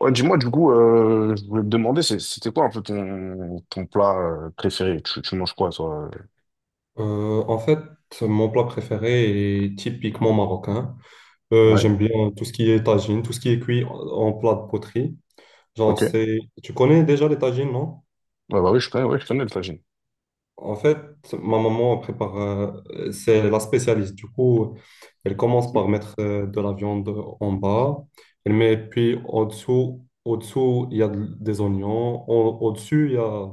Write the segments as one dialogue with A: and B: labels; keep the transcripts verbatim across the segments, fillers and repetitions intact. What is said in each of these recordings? A: Ouais, dis-moi, du coup, euh, je voulais te demander, c'est- c'était quoi un peu ton, ton plat euh, préféré? Tu, tu manges quoi, toi?
B: Euh, en fait, Mon plat préféré est typiquement marocain. Euh,
A: Ouais,
B: j'aime bien tout ce qui est tagine, tout ce qui est cuit en en plat de poterie. Genre,
A: ok. Ouais,
B: c'est... Tu connais déjà les tagines, non?
A: bah oui, je connais, ouais, je connais le tagine.
B: En fait, ma maman prépare, euh, c'est la spécialiste. Du coup, elle commence par mettre euh, de la viande en bas. Elle met, puis au-dessous, au-dessous, il y a de- des oignons. Au- dessus il y a...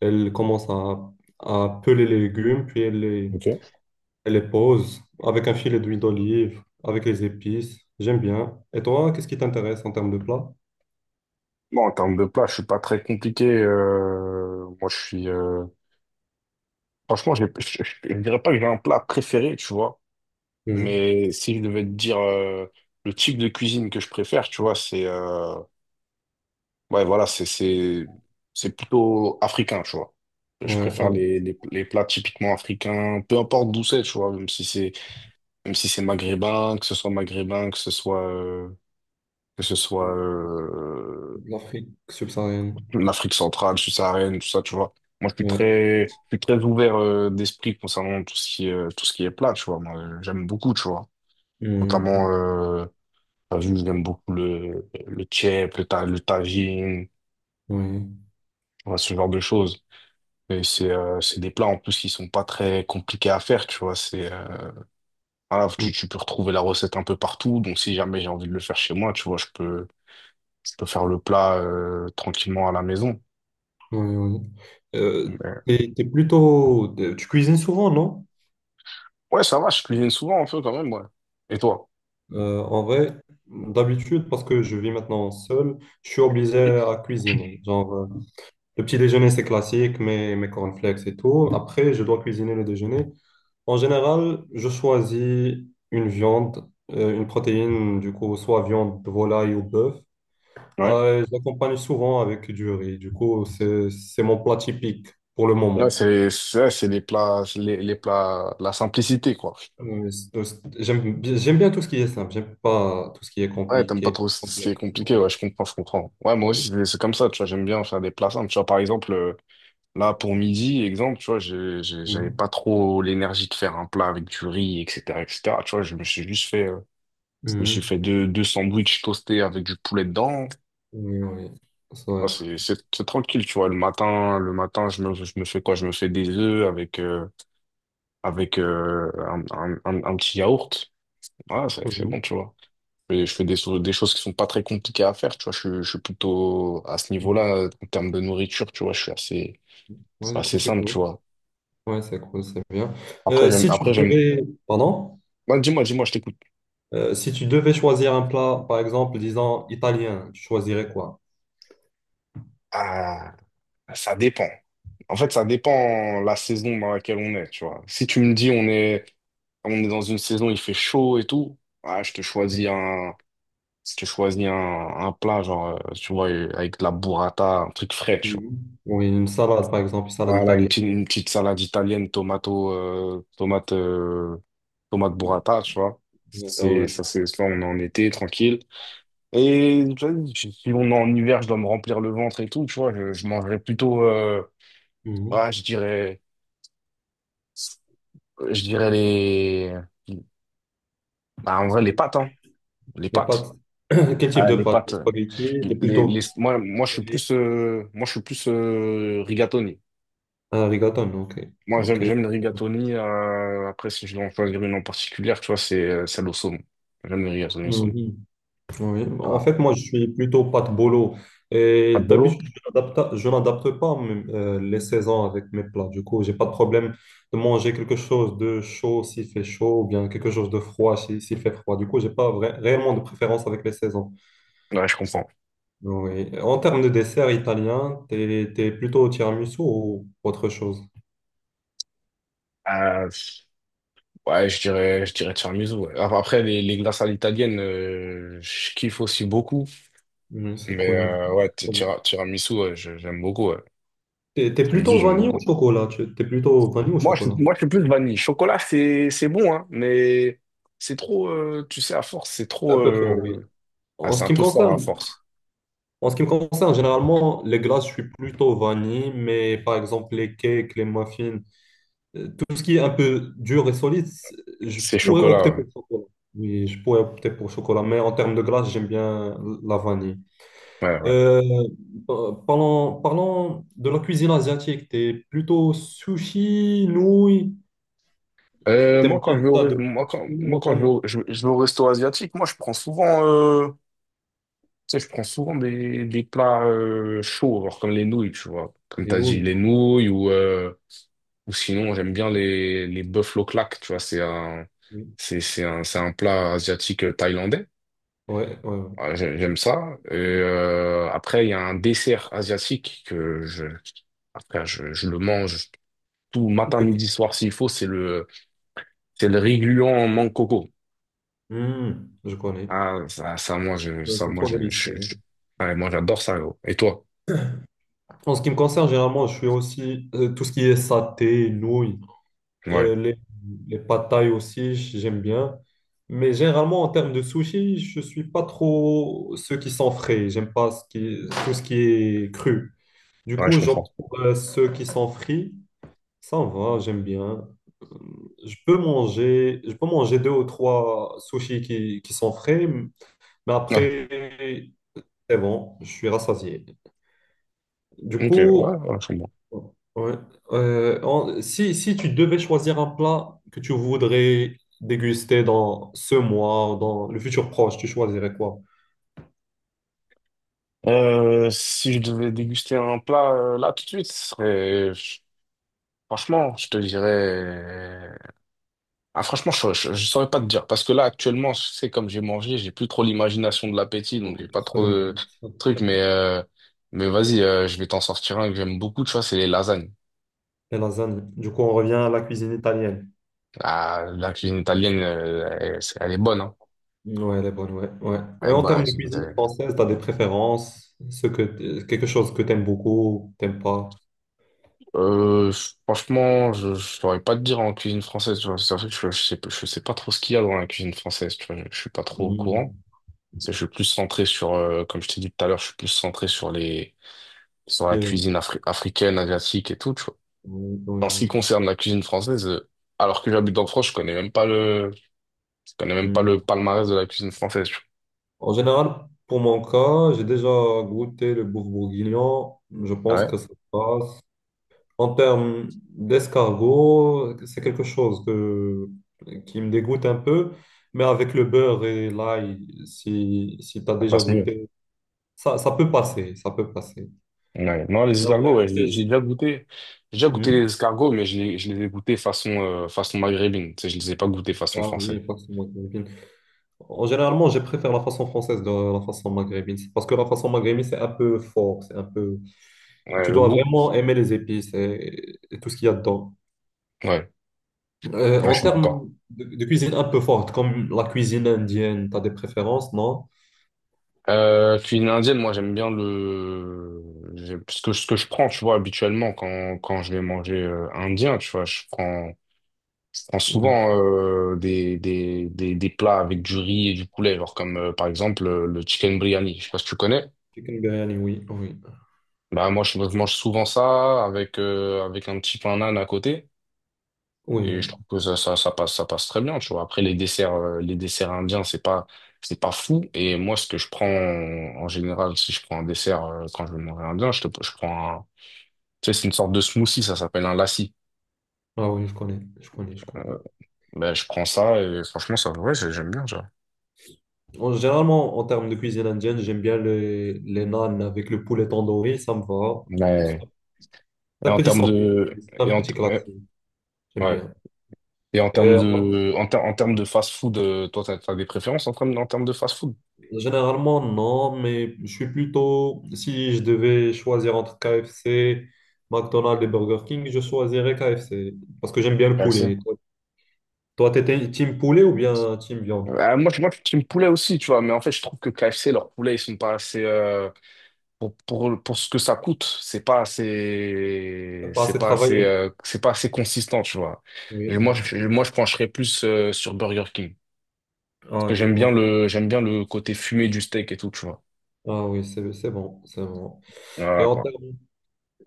B: Elle commence à, à peler les légumes, puis elle les
A: Ok.
B: elle les pose avec un filet d'huile d'olive, avec les épices. J'aime bien. Et toi, qu'est-ce qui t'intéresse en termes de plats?
A: Bon, en termes de plat, je suis pas très compliqué. Euh, moi, je suis. Euh, Franchement, j'ai- je, je- je dirais pas que j'ai un plat préféré, tu vois.
B: Mhm.
A: Mais si je devais te dire euh, le type de cuisine que je préfère, tu vois, c'est. Euh, Ouais, voilà, c'est, c'est, c'est plutôt africain, tu vois. Je
B: Ouais,
A: préfère
B: euh,
A: les, les, les plats typiquement africains, peu importe d'où c'est, tu vois, même si c'est, même si c'est maghrébin, que ce soit maghrébin, que ce soit, euh, que ce soit, euh,
B: L'Afrique subsaharienne.
A: l'Afrique centrale, subsaharienne, tout ça, tu vois. Moi, je suis
B: Ouais.
A: très, je suis très ouvert, euh, d'esprit concernant tout ce qui, est- euh, tout ce qui est plat, tu vois. Moi, euh, j'aime beaucoup, tu vois. Notamment,
B: Mhm.
A: euh, t'as vu, j'aime beaucoup le, le tchèp, le, ta- le tagine,
B: Oui,
A: tu vois, ce genre de choses. Et c'est euh, c'est des plats en plus qui sont pas très compliqués à faire, tu vois. C'est euh, Voilà, tu,
B: mhm,
A: tu peux retrouver la recette un peu partout. Donc si jamais j'ai envie de le faire chez moi, tu vois, je peux je peux faire le plat euh, tranquillement à la maison.
B: oui, oui. Euh,
A: Mais,
B: t'es, t'es plutôt... t'es- Tu cuisines souvent, non?
A: ouais, ça va, je cuisine souvent un peu quand même, ouais. Et toi?
B: Euh, en vrai, d'habitude, parce que je vis maintenant seul, je suis obligé à cuisiner. Genre, euh, le petit déjeuner, c'est classique, mes, mes cornflakes et tout. Après, je dois cuisiner le déjeuner. En général, je choisis une viande, euh, une protéine, du coup, soit viande de volaille ou bœuf.
A: Ouais.
B: Euh, je l'accompagne souvent avec du riz. Du coup, c'est, c'est mon plat typique pour le
A: Ouais,
B: moment.
A: c'est ça, c'est les plats c'est les, les plats la simplicité quoi.
B: Euh, c'est- c'est- j'aime, bien j'aime bien tout ce qui est simple. J'aime pas tout ce qui est
A: Ouais, t'aimes pas
B: compliqué,
A: trop ce qui est
B: complexe.
A: compliqué, ouais,
B: Oui.
A: je comprends, je comprends. Ouais, moi aussi c'est c'est comme ça, tu vois, j'aime bien faire des plats simples, tu vois, par exemple. euh, Là, pour midi, exemple, tu vois, j'ai- j'ai- j'avais
B: Mhm.
A: pas trop l'énergie de faire un plat avec du riz, et cetera, et cetera. Tu vois, je me suis juste fait, euh, je me suis
B: Mhm.
A: fait deux, deux sandwichs toastés avec du poulet dedans.
B: Oui, oui. Ça va
A: Ouais,
B: être.
A: c'est, c'est, c'est tranquille, tu vois. Le matin, le matin, je me, je me fais quoi? Je me fais des œufs avec, euh, avec euh, un, un, un- un petit yaourt. Voilà, c'est, c'est bon,
B: Oui.
A: tu vois. Et je fais des, so- des choses qui sont pas très compliquées à faire, tu vois. Je, suis- je suis plutôt à ce
B: Mhm.
A: niveau-là, en termes de nourriture, tu vois, je suis assez,
B: Ouais,
A: c'est
B: du coup,
A: assez
B: c'est
A: simple, tu
B: cool.
A: vois.
B: Ouais, c'est cool, c'est bien.
A: Après,
B: Euh,
A: j'aime,
B: si tu
A: après, j'aime,
B: devais. Pardon?
A: Bah, dis-moi, dis-moi, je t'écoute.
B: Euh, si tu devais choisir un plat, par exemple, disons italien, tu choisirais quoi?
A: Ah, ça dépend. En fait, ça dépend la saison dans laquelle on est, tu vois. Si tu me dis on est, on est dans une saison, il fait chaud et tout, ah, je te choisis un, je te choisis un, un plat, genre, euh, tu vois, euh, avec de la burrata, un truc frais, tu vois.
B: Mhm. Oui, une salade, par exemple, une salade
A: Voilà, une
B: italienne.
A: petite, une petite salade italienne, tomato, euh, tomate, euh, tomate burrata, tu vois.
B: Ah
A: C'est,
B: ouais.
A: ça, c'est, ça, on est en été, tranquille. Et tu vois, si si on est en hiver, je dois me remplir le ventre et tout, tu vois, je, je mangerais plutôt. euh,
B: Mhm.
A: Ouais, je dirais, je dirais les, ah, en vrai, les pâtes, hein. Les
B: Les
A: pâtes.
B: pâtes. Quel type
A: Ah,
B: de
A: les
B: pâtes?
A: pâtes. euh,
B: Spaghetti, t'es
A: Les, les,
B: plutôt.
A: moi, moi, je suis
B: Aimé.
A: plus, euh, moi, je suis plus euh, rigatoni.
B: Ah, rigatone, ok.
A: Moi,
B: Ok.
A: j'aime, j'aime le rigatoni. euh, après, si je dois en choisir une en particulier, tu vois, c'est euh, celle au saumon. J'aime le rigatoni au saumon.
B: Mhm. Oui, en
A: Ah.
B: fait, moi, je suis plutôt pâte bolo. Et
A: Pas de bolo?
B: d'habitude, je n'adapte, je n'adapte pas mes- euh, les saisons avec mes plats. Du coup, j'ai pas de problème de manger quelque chose de chaud s'il fait chaud, ou bien quelque chose de froid si- s'il fait froid. Du coup, j'ai pas vra- réellement de préférence avec les saisons.
A: Ouais, je comprends.
B: Oui. En termes de dessert italien, t'es, t'es plutôt tiramisu ou autre chose?
A: Euh, ouais, je dirais, je dirais tiramisu. Ouais. Après, après, les, les glaces à l'italienne, euh, je kiffe aussi beaucoup.
B: Oui, c'est
A: Mais
B: cool. Oui.
A: euh, ouais, ti-
B: Très bien.
A: tira- tiramisu, ouais, je- j'aime beaucoup. Ouais.
B: T'es, t'es
A: Tiramisu,
B: plutôt
A: j'aime
B: vanille ou
A: beaucoup.
B: chocolat? Tu- T'es plutôt vanille ou
A: Moi, je,
B: chocolat?
A: moi, je suis plus vanille. Chocolat, c'est, c'est bon, hein, mais c'est trop, euh, tu sais, à force, c'est
B: Un
A: trop,
B: peu fort, oui.
A: euh, ah,
B: En
A: c'est
B: ce
A: un
B: qui me
A: peu fort à
B: concerne,
A: force.
B: en ce qui me concerne, généralement, les glaces, je suis plutôt vanille, mais par exemple, les cakes, les muffins, euh, tout ce qui est un peu dur et solide, c'est- je
A: C'est
B: pourrais
A: chocolat,
B: opter pour
A: ouais.
B: chocolat. Oui, je pourrais opter pour chocolat, mais en termes de glace, j'aime bien la vanille.
A: Ouais, ouais.
B: Euh, pa- parlons, Parlons de la cuisine asiatique. T'es plutôt sushi, nouilles.
A: Euh, moi,
B: T'aimes
A: quand
B: bien,
A: je vais au,
B: t'as de
A: re- moi,
B: préférence
A: quand,
B: culinaire
A: moi,
B: en
A: quand je vais
B: termes
A: au, je- je vais au resto asiatique, moi, je prends souvent, euh, tu sais, je prends souvent des, des plats, euh, chauds, genre comme les nouilles, tu vois. Comme
B: des
A: t'as dit,
B: nouilles.
A: les nouilles ou, euh, ou sinon, j'aime bien les, les buffalo claques, tu vois, c'est un,
B: Oui,
A: c'est, c'est un, c'est un plat asiatique euh, thaïlandais.
B: ouais, ouais. Ouais.
A: Ouais, j'ai- J'aime ça. Et euh, après, il y a un dessert asiatique que je, après, je, je le mange tout matin, midi, soir s'il faut. C'est le, c'est le riz gluant en mangue coco.
B: Hmm, je connais.
A: Ah, ça, ça, moi, je,
B: Euh,
A: ça,
B: C'est
A: moi,
B: trop
A: je,
B: délicieux.
A: je-
B: Hein.
A: je- ouais, moi, j'adore ça. Gros. Et toi?
B: En ce qui me concerne, généralement, je suis aussi euh, tout ce qui est saté, nouilles,
A: Ouais,
B: euh, les, les pad thaï aussi, j'aime bien. Mais généralement, en termes de sushi, je suis pas trop ceux qui sont frais. J'aime pas ce qui, tout ce qui est cru. Du
A: ouais, je
B: coup, j'opte
A: comprends.
B: pour euh, ceux qui sont frits. Ça me va, j'aime bien. Euh, Je peux manger, je peux manger deux ou trois sushis qui, qui sont frais, mais
A: Ouais,
B: après, c'est bon, je suis rassasié. Du
A: ok, ouais,
B: coup,
A: ouais, je comprends.
B: ouais. Euh, en- si, si tu devais choisir un plat que tu voudrais déguster dans ce mois, ou dans le futur proche, tu choisirais quoi?
A: Euh, si je devais déguster un plat euh, là tout de suite, ce serait, franchement, je te dirais. Ah, franchement, je ne saurais pas te dire. Parce que là, actuellement, je sais, comme j'ai mangé, j'ai plus trop l'imagination de l'appétit, donc j'ai
B: Beaucoup.
A: pas trop de trucs. Mais, euh, mais vas-y, euh, je vais t'en sortir un que j'aime beaucoup, tu vois, c'est les lasagnes.
B: Les lasagnes. Du coup, on revient à la cuisine italienne.
A: Ah, la cuisine italienne, euh, elle, c'est- elle est bonne, hein.
B: Ouais, elle est bonne, ouais, ouais.
A: Elle
B: Et
A: est
B: en
A: bonne, la
B: termes de
A: cuisine
B: cuisine
A: italienne.
B: française, tu as des préférences? Ce que t- quelque chose que tu aimes beaucoup, t'aimes pas?
A: Euh, franchement, je ne saurais pas te dire en cuisine française, tu vois. C'est vrai que je, je sais, pas- je sais pas trop ce qu'il y a dans la cuisine française, tu vois. Je, je suis pas trop au courant.
B: Hmm,
A: C'est- Je suis plus centré sur, euh, comme je t'ai dit tout à l'heure, je suis plus centré sur les,
B: ce
A: sur
B: qui
A: la
B: est-
A: cuisine afri- africaine, asiatique et tout, tu vois.
B: oui, oui,
A: En ce qui
B: oui.
A: concerne la cuisine française, euh, alors que j'habite en France, je connais même pas le, je connais même pas le
B: Hmm.
A: palmarès de la cuisine française.
B: En général, pour mon cas, j'ai déjà goûté le bouffe bourguignon. Je
A: Ah
B: pense
A: ouais,
B: que ça passe. En termes d'escargot, c'est quelque chose que- qui me dégoûte un peu, mais avec le beurre et l'ail, si, si tu as
A: ça
B: déjà
A: passe mieux.
B: goûté, ça, ça peut passer, ça peut passer.
A: Ouais. Non, les
B: Mais en
A: escargots, ouais,
B: réalité,
A: j'ai j'ai
B: j-
A: déjà goûté, j'ai déjà goûté les
B: Hmm.
A: escargots, mais je les, je les ai goûtés façon, euh, façon maghrébine. Tu sais, je les ai pas goûtés façon
B: Ah
A: française.
B: oui, façon maghrébine. En généralement, je préfère la façon française de la façon maghrébine. C'est parce que la façon maghrébine, c'est un peu fort, c'est un peu...
A: Ouais,
B: Tu
A: le
B: dois
A: goût.
B: vraiment aimer les épices et, et tout ce qu'il y a dedans.
A: Ouais,
B: Euh,
A: ouais, je
B: en
A: suis
B: termes
A: d'accord.
B: de, de cuisine un peu forte, comme la cuisine indienne, tu as des préférences, non?
A: Euh, cuisine indienne, moi j'aime bien le j'ai- ce que, ce que je prends, tu vois, habituellement quand, quand je vais manger euh, indien, tu vois, je prends Je prends
B: Oui.
A: souvent euh, des, des, des, des plats avec du riz et du poulet, genre comme euh, par exemple euh, le chicken biryani. Je sais pas si tu connais.
B: Chicken biryani, oui, oui.
A: Bah moi je, je mange souvent ça avec euh, avec un petit pain naan à côté
B: Oui,
A: et
B: oui.
A: je trouve que ça, ça ça passe ça passe très bien, tu vois. Après les desserts euh, les desserts indiens, c'est pas c'est pas fou et moi ce que je prends en général si je prends un dessert euh, quand je vais manger indien, je te, je prends un Tu sais, c'est une sorte de smoothie, ça s'appelle un lassi.
B: Ah oui, je connais, je connais, je connais.
A: Euh, ben, je prends ça et franchement, ça, ouais, j'aime bien, tu vois.
B: En, généralement, en termes de cuisine indienne, j'aime bien les, les naan avec le poulet tandoori, ça me va. C'est
A: Ouais.
B: un
A: Et
B: c'est un
A: en
B: petit
A: termes
B: sandwich,
A: de,
B: c'est un
A: et en,
B: petit
A: ouais,
B: classique, j'aime
A: ouais.
B: bien.
A: Et en termes
B: Euh, en-
A: de, en, ter- en termes de fast-food, euh, toi, t'as, t'as des préférences en termes, en termes de fast-food?
B: Généralement, non, mais je suis plutôt, si je devais choisir entre K F C, McDonald's et Burger King, je choisirais K F C, parce que j'aime bien le
A: K F C.
B: poulet. Toi, toi, t'étais team poulet ou bien team viande?
A: Euh, moi, je, moi, je suis team poulet aussi, tu vois, mais en fait, je trouve que K F C, leurs poulets, ils sont pas assez, euh, pour, pour, pour ce que ça coûte, c'est pas
B: T'as
A: assez,
B: pas
A: c'est
B: assez
A: pas assez,
B: travaillé.
A: euh, c'est pas assez consistant, tu vois. Et moi,
B: Oui.
A: je, moi, je pencherais plus, euh, sur Burger King. Parce
B: Ah,
A: que j'aime bien
B: du-
A: le, j'aime bien le côté fumé du steak et tout, tu vois.
B: Ah oui, c'est c'est bon, c'est bon. Et
A: Voilà,
B: en
A: quoi.
B: termes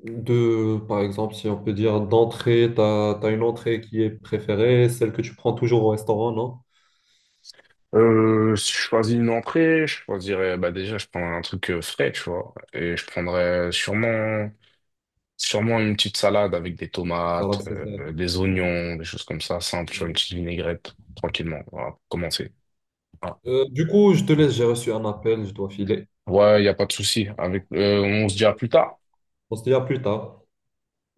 B: de, par exemple, si on peut dire d'entrée, tu as, une entrée qui est préférée, celle que tu prends toujours au restaurant, non?
A: Euh, si je choisis une entrée, je choisirais, bah déjà, je prendrais un truc euh, frais, tu vois, et je prendrais sûrement, sûrement une petite salade avec des
B: Ça, là,
A: tomates,
B: c'est ça.
A: euh, des
B: Oui.
A: oignons, des choses comme ça, simple, tu une petite vinaigrette, tranquillement, voilà, pour commencer. Voilà.
B: Euh, du coup, je te laisse, j'ai reçu un appel, je dois filer.
A: Ouais, il n'y a pas de souci. Avec, euh, on se dit à plus tard.
B: On se dit à plus tard.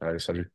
A: Allez, salut.